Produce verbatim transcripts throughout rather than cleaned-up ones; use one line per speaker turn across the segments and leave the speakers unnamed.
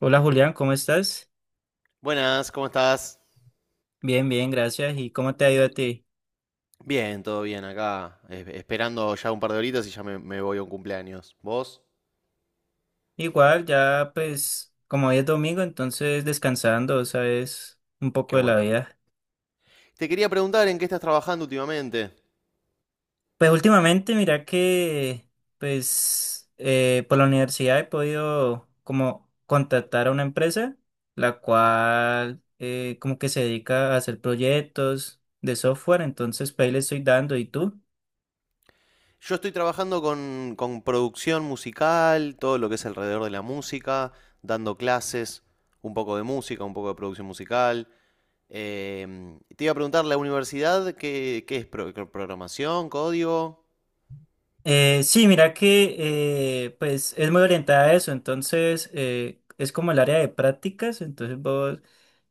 Hola Julián, ¿cómo estás?
Buenas, ¿cómo estás?
Bien, bien, gracias. ¿Y cómo te ha ido a ti?
Bien, todo bien acá, es- esperando ya un par de horitas y ya me, me voy a un cumpleaños. ¿Vos?
Igual, ya pues como hoy es domingo, entonces descansando, ¿sabes? Un poco
Qué
de la
bueno.
vida.
Te quería preguntar en qué estás trabajando últimamente.
Pues últimamente, mira que pues eh, por la universidad he podido como contactar a una empresa, la cual eh, como que se dedica a hacer proyectos de software, entonces pues ahí le estoy dando. ¿Y tú?
Yo estoy trabajando con, con producción musical, todo lo que es alrededor de la música, dando clases, un poco de música, un poco de producción musical. Em, te iba a preguntar, ¿la universidad qué, qué es? Pro- ¿Programación? ¿Código?
Eh, sí, mira que eh, pues es muy orientada a eso, entonces eh, es como el área de prácticas, entonces vos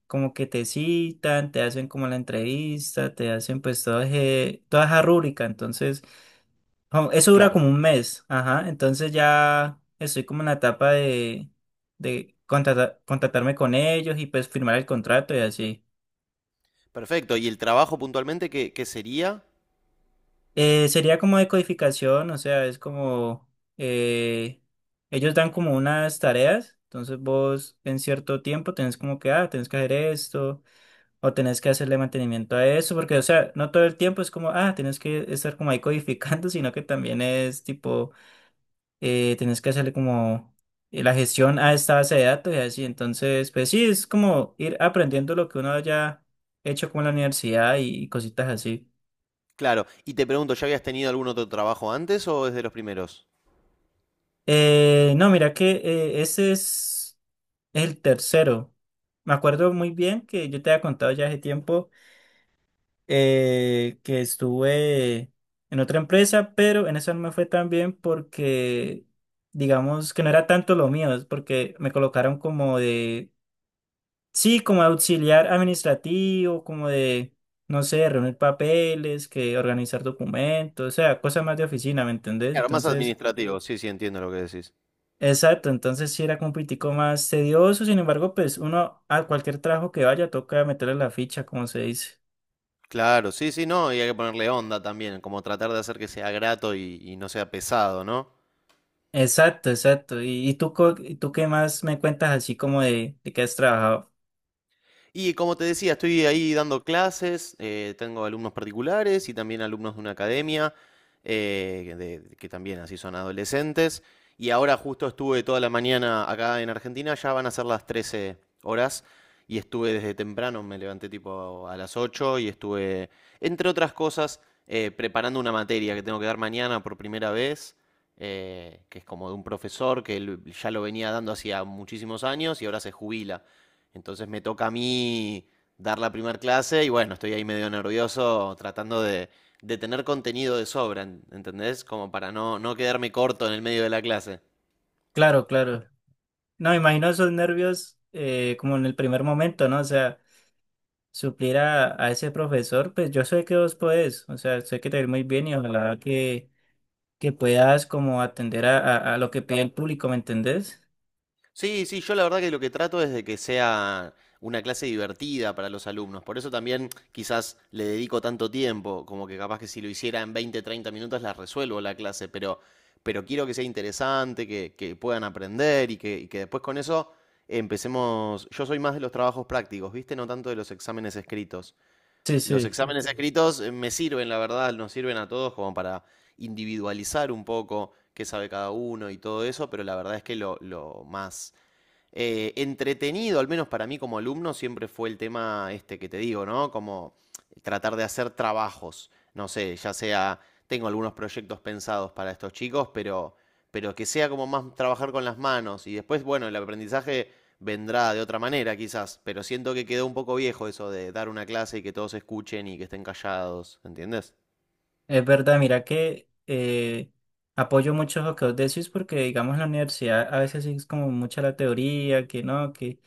como que te citan, te hacen como la entrevista, te hacen pues toda, eje- toda esa rúbrica, entonces como- eso dura como
Claro.
un mes, ajá, entonces ya estoy como en la etapa de, de contratar- contratarme con ellos y pues firmar el contrato y así.
Perfecto. ¿Y el trabajo puntualmente qué, qué sería?
Eh, sería como decodificación, o sea, es como eh, ellos dan como unas tareas, entonces vos en cierto tiempo tenés como que, ah, tenés que hacer esto, o tenés que hacerle mantenimiento a eso, porque, o sea, no todo el tiempo es como, ah, tenés que estar como ahí codificando, sino que también es tipo, eh, tenés que hacerle como eh, la gestión a esta base de datos y así, entonces, pues sí, es como ir aprendiendo lo que uno haya hecho como en la universidad y cositas así.
Claro, y te pregunto, ¿ya habías tenido algún otro trabajo antes o es de los primeros?
Eh, no, mira que eh, ese es el tercero. Me acuerdo muy bien que yo te había contado ya hace tiempo eh, que estuve en otra empresa, pero en esa no me fue tan bien porque, digamos, que no era tanto lo mío, es porque me colocaron como de, sí, como auxiliar administrativo, como de, no sé, reunir papeles, que organizar documentos, o sea, cosas más de oficina, ¿me entendés?
Claro, más
Entonces...
administrativo, sí, sí, entiendo lo que decís.
Exacto, entonces sí era como un poquitico más tedioso, sin embargo, pues uno a cualquier trabajo que vaya toca meterle la ficha, como se dice.
Claro, sí, sí, no, y hay que ponerle onda también, como tratar de hacer que sea grato y, y no sea pesado, ¿no?
Exacto, exacto. ¿Y, y tú, co- y tú qué más me cuentas así como de, de que has trabajado?
Y como te decía, estoy ahí dando clases, eh, tengo alumnos particulares y también alumnos de una academia, eh, de- que también así son adolescentes. Y ahora justo estuve toda la mañana acá en Argentina, ya van a ser las trece horas y estuve desde temprano, me levanté tipo a las ocho y estuve, entre otras cosas, eh, preparando una materia que tengo que dar mañana por primera vez, eh, que es como de un profesor que él ya lo venía dando hacía muchísimos años y ahora se jubila. Entonces me toca a mí dar la primera clase y bueno, estoy ahí medio nervioso tratando de, de tener contenido de sobra, ¿entendés? Como para no, no quedarme corto en el medio de la clase.
Claro, claro. No, me imagino esos nervios eh, como en el primer momento, ¿no? O sea, suplir a, a ese profesor, pues yo sé que vos podés, o sea, sé que te va a ir muy bien y ojalá que, que puedas como atender a, a a lo que pide el público, ¿me entendés?
Sí, sí, yo la verdad que lo que trato es de que sea una clase divertida para los alumnos. Por eso también quizás le dedico tanto tiempo, como que capaz que si lo hiciera en veinte, treinta minutos la resuelvo la clase, pero, pero quiero que sea interesante, que, que puedan aprender y que, y que después con eso empecemos. Yo soy más de los trabajos prácticos, ¿viste? No tanto de los exámenes escritos.
Sí,
Los
sí.
exámenes escritos eh, me sirven, la verdad, nos sirven a todos como para individualizar un poco qué sabe cada uno y todo eso, pero la verdad es que lo, lo más eh, entretenido, al menos para mí como alumno, siempre fue el tema este que te digo, ¿no? Como tratar de hacer trabajos, no sé, ya sea, tengo algunos proyectos pensados para estos chicos, pero, pero que sea como más trabajar con las manos y después, bueno, el aprendizaje vendrá de otra manera quizás, pero siento que quedó un poco viejo eso de dar una clase y que todos escuchen y que estén callados, ¿entiendes?
Es verdad, mira que eh, apoyo mucho lo que vos decís porque, digamos, en la universidad a veces sí es como mucha la teoría, que no, que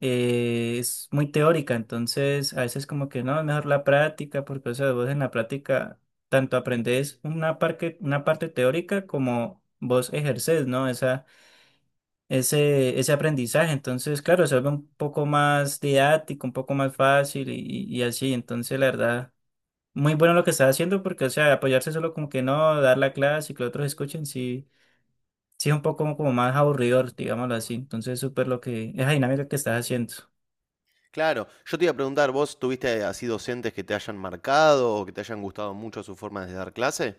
eh, es muy teórica, entonces a veces como que no, es mejor la práctica porque, o sea, vos en la práctica tanto aprendés una parte, una parte teórica como vos ejercés, ¿no? Esa, ese, ese aprendizaje, entonces, claro, se vuelve un poco más didáctico, un poco más fácil y, y y así, entonces, la verdad muy bueno lo que estás haciendo porque, o sea, apoyarse solo como que no, dar la clase y que los otros escuchen, sí, sí es un poco como, como más aburridor, digámoslo así. Entonces, súper lo que, esa dinámica que estás haciendo.
Claro, yo te iba a preguntar, ¿vos tuviste así docentes que te hayan marcado o que te hayan gustado mucho su forma de dar clase?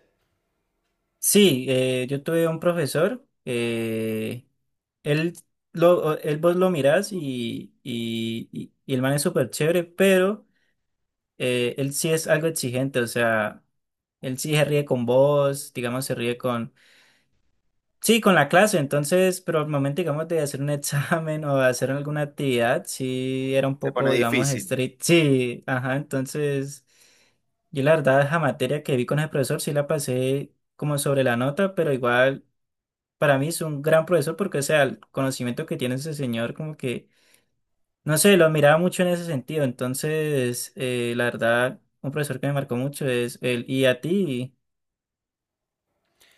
Sí, eh, yo tuve un profesor, eh, él, lo, él vos lo mirás y, y, y, y el man es súper chévere, pero eh, él sí es algo exigente, o sea, él sí se ríe con vos, digamos, se ríe con sí, con la clase, entonces, pero al momento, digamos, de hacer un examen o de hacer alguna actividad, sí era un
Se
poco,
pone
digamos,
difícil.
estricto. Sí, ajá, entonces, yo la verdad, esa materia que vi con el profesor, sí la pasé como sobre la nota, pero igual, para mí es un gran profesor porque, o sea, el conocimiento que tiene ese señor, como que, no sé, lo admiraba mucho en ese sentido, entonces, eh, la verdad, un profesor que me marcó mucho es él. Y a ti,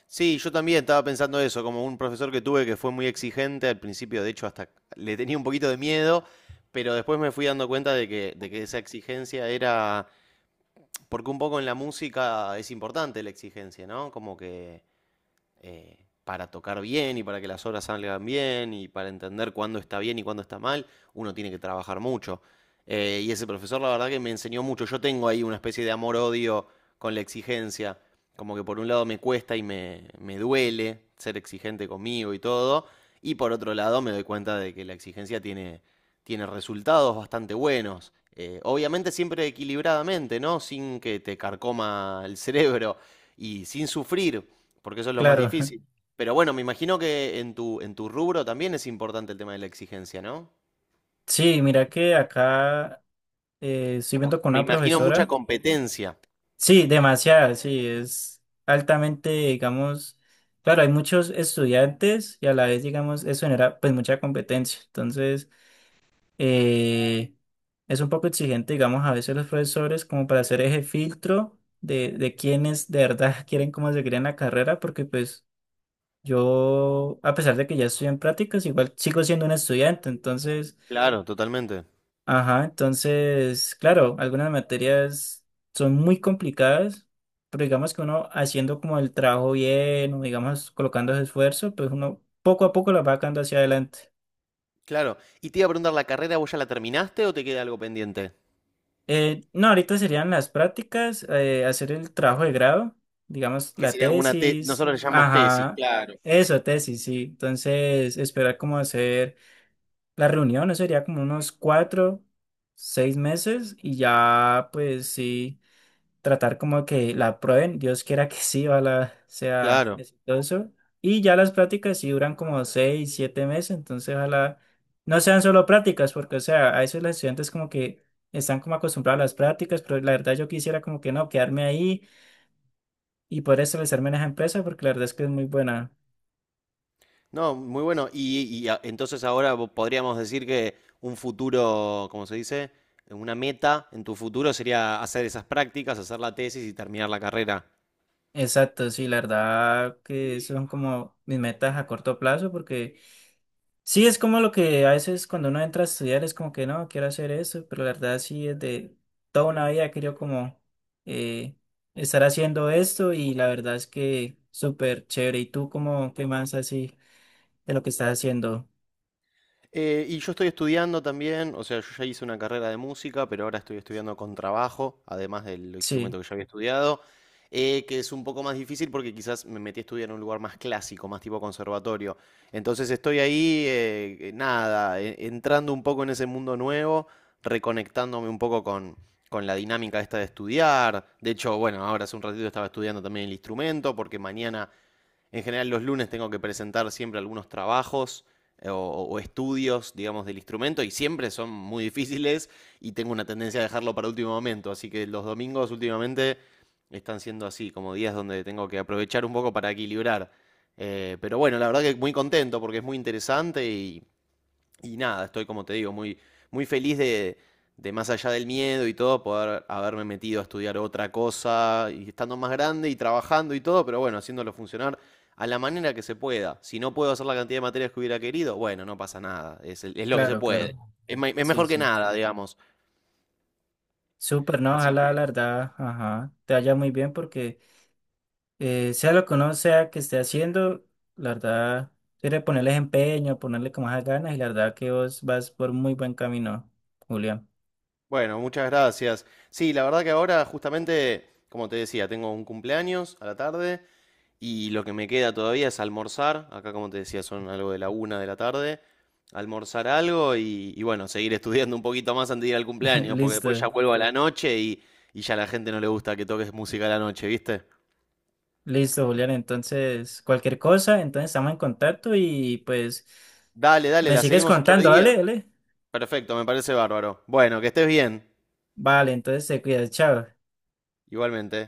Sí, yo también estaba pensando eso, como un profesor que tuve que fue muy exigente al principio, de hecho hasta le tenía un poquito de miedo, pero después me fui dando cuenta de, que, de que esa exigencia era, porque un poco en la música es importante la exigencia, ¿no? Como que eh, para tocar bien y para que las obras salgan bien y para entender cuándo está bien y cuándo está mal, uno tiene que trabajar mucho. Eh, y ese profesor la verdad que me enseñó mucho. Yo tengo ahí una especie de amor-odio con la exigencia. Como que por un lado me cuesta y me, me duele ser exigente conmigo y todo. Y por otro lado me doy cuenta de que la exigencia tiene, tiene resultados bastante buenos. Eh, obviamente siempre equilibradamente, ¿no? Sin que te carcoma el cerebro y sin sufrir porque eso es lo más
claro.
difícil. Pero bueno, me imagino que en tu, en tu rubro también es importante el tema de la exigencia, ¿no?
Sí, mira que acá Eh, estoy
Como,
viendo con
me
una
imagino mucha
profesora.
competencia.
Sí, demasiado sí, es altamente, digamos, claro, hay muchos estudiantes y a la vez, digamos, eso genera pues mucha competencia. Entonces, eh, es un poco exigente, digamos, a veces los profesores como para hacer ese filtro de, de quienes de verdad quieren como seguir en la carrera, porque pues yo, a pesar de que ya estoy en prácticas, igual sigo siendo un estudiante, entonces...
Claro, totalmente.
Ajá, entonces, claro, algunas materias son muy complicadas, pero digamos que uno haciendo como el trabajo bien, o digamos colocando ese esfuerzo, pues uno poco a poco la va sacando hacia adelante.
Claro. Y te iba a preguntar, ¿la carrera vos ya la terminaste o te queda algo pendiente?
Eh, no, ahorita serían las prácticas, eh, hacer el trabajo de grado, digamos
Que
la
sería como una tesis,
tesis,
nosotros le llamamos tesis.
ajá,
Claro.
eso, tesis, sí. Entonces, esperar como hacer la reunión, eso sería como unos cuatro, seis meses y ya, pues sí. Tratar como que la aprueben, Dios quiera que sí, ojalá sea
Claro.
exitoso. Y ya las prácticas sí duran como seis, siete meses, entonces ojalá no sean solo prácticas, porque o sea, a veces los estudiantes como que están como acostumbrados a las prácticas, pero la verdad yo quisiera como que no, quedarme ahí y poder establecerme en esa empresa, porque la verdad es que es muy buena.
No, muy bueno. Y, y a- entonces ahora vo- podríamos decir que un futuro, ¿cómo se dice? Una meta en tu futuro sería hacer esas prácticas, hacer la tesis y terminar la carrera.
Exacto, sí, la verdad que son como mis metas a corto plazo, porque... Sí, es como lo que a veces cuando uno entra a estudiar es como que no, quiero hacer eso, pero la verdad sí, desde toda una vida he querido como eh, estar haciendo esto y la verdad es que súper chévere. ¿Y tú cómo qué más así de lo que estás haciendo?
Eh, y yo estoy estudiando también, o sea, yo ya hice una carrera de música, pero ahora estoy estudiando con trabajo, además del
Sí,
instrumento que ya había estudiado, eh, que es un poco más difícil porque quizás me metí a estudiar en un lugar más clásico, más tipo conservatorio. Entonces estoy ahí, eh, eh, nada, e- entrando un poco en ese mundo nuevo, reconectándome un poco con, con la dinámica esta de estudiar. De hecho, bueno, ahora hace un ratito estaba estudiando también el instrumento porque mañana en general los lunes tengo que presentar siempre algunos trabajos eh, o, o estudios, digamos, del instrumento y siempre son muy difíciles y tengo una tendencia a dejarlo para último momento. Así que los domingos últimamente están siendo así, como días donde tengo que aprovechar un poco para equilibrar. Eh, pero bueno, la verdad que muy contento porque es muy interesante y, y nada, estoy como te digo, muy, muy feliz de, de más allá del miedo y todo, poder haberme metido a estudiar otra cosa y estando más grande y trabajando y todo, pero bueno, haciéndolo funcionar a la manera que se pueda. Si no puedo hacer la cantidad de materias que hubiera querido, bueno, no pasa nada, es, el- es lo que se
claro, claro.
puede. Es, me- es
Sí,
mejor que
sí.
nada, digamos.
Súper, ¿no? Ojalá, la verdad, ajá, te vaya muy bien porque eh, sea lo que uno sea que esté haciendo, la verdad, quiere ponerle empeño, ponerle como más ganas y la verdad que vos vas por muy buen camino, Julián.
Bueno, muchas gracias. Sí, la verdad que ahora justamente, como te decía, tengo un cumpleaños a la tarde y lo que me queda todavía es almorzar. Acá, como te decía, son algo de la una de la tarde. Almorzar algo y, y bueno, seguir estudiando un poquito más antes de ir al cumpleaños, porque después ya
Listo,
vuelvo a la noche y, y ya a la gente no le gusta que toques música a la noche, ¿viste?
listo, Julián. Entonces, cualquier cosa, entonces estamos en contacto y pues
Dale, dale,
me
la
sigues
seguimos otro
contando,
día.
¿vale? ¿Vale?
Perfecto, me parece bárbaro. Bueno, que estés bien,
Vale, entonces te cuidas, chao.
igualmente.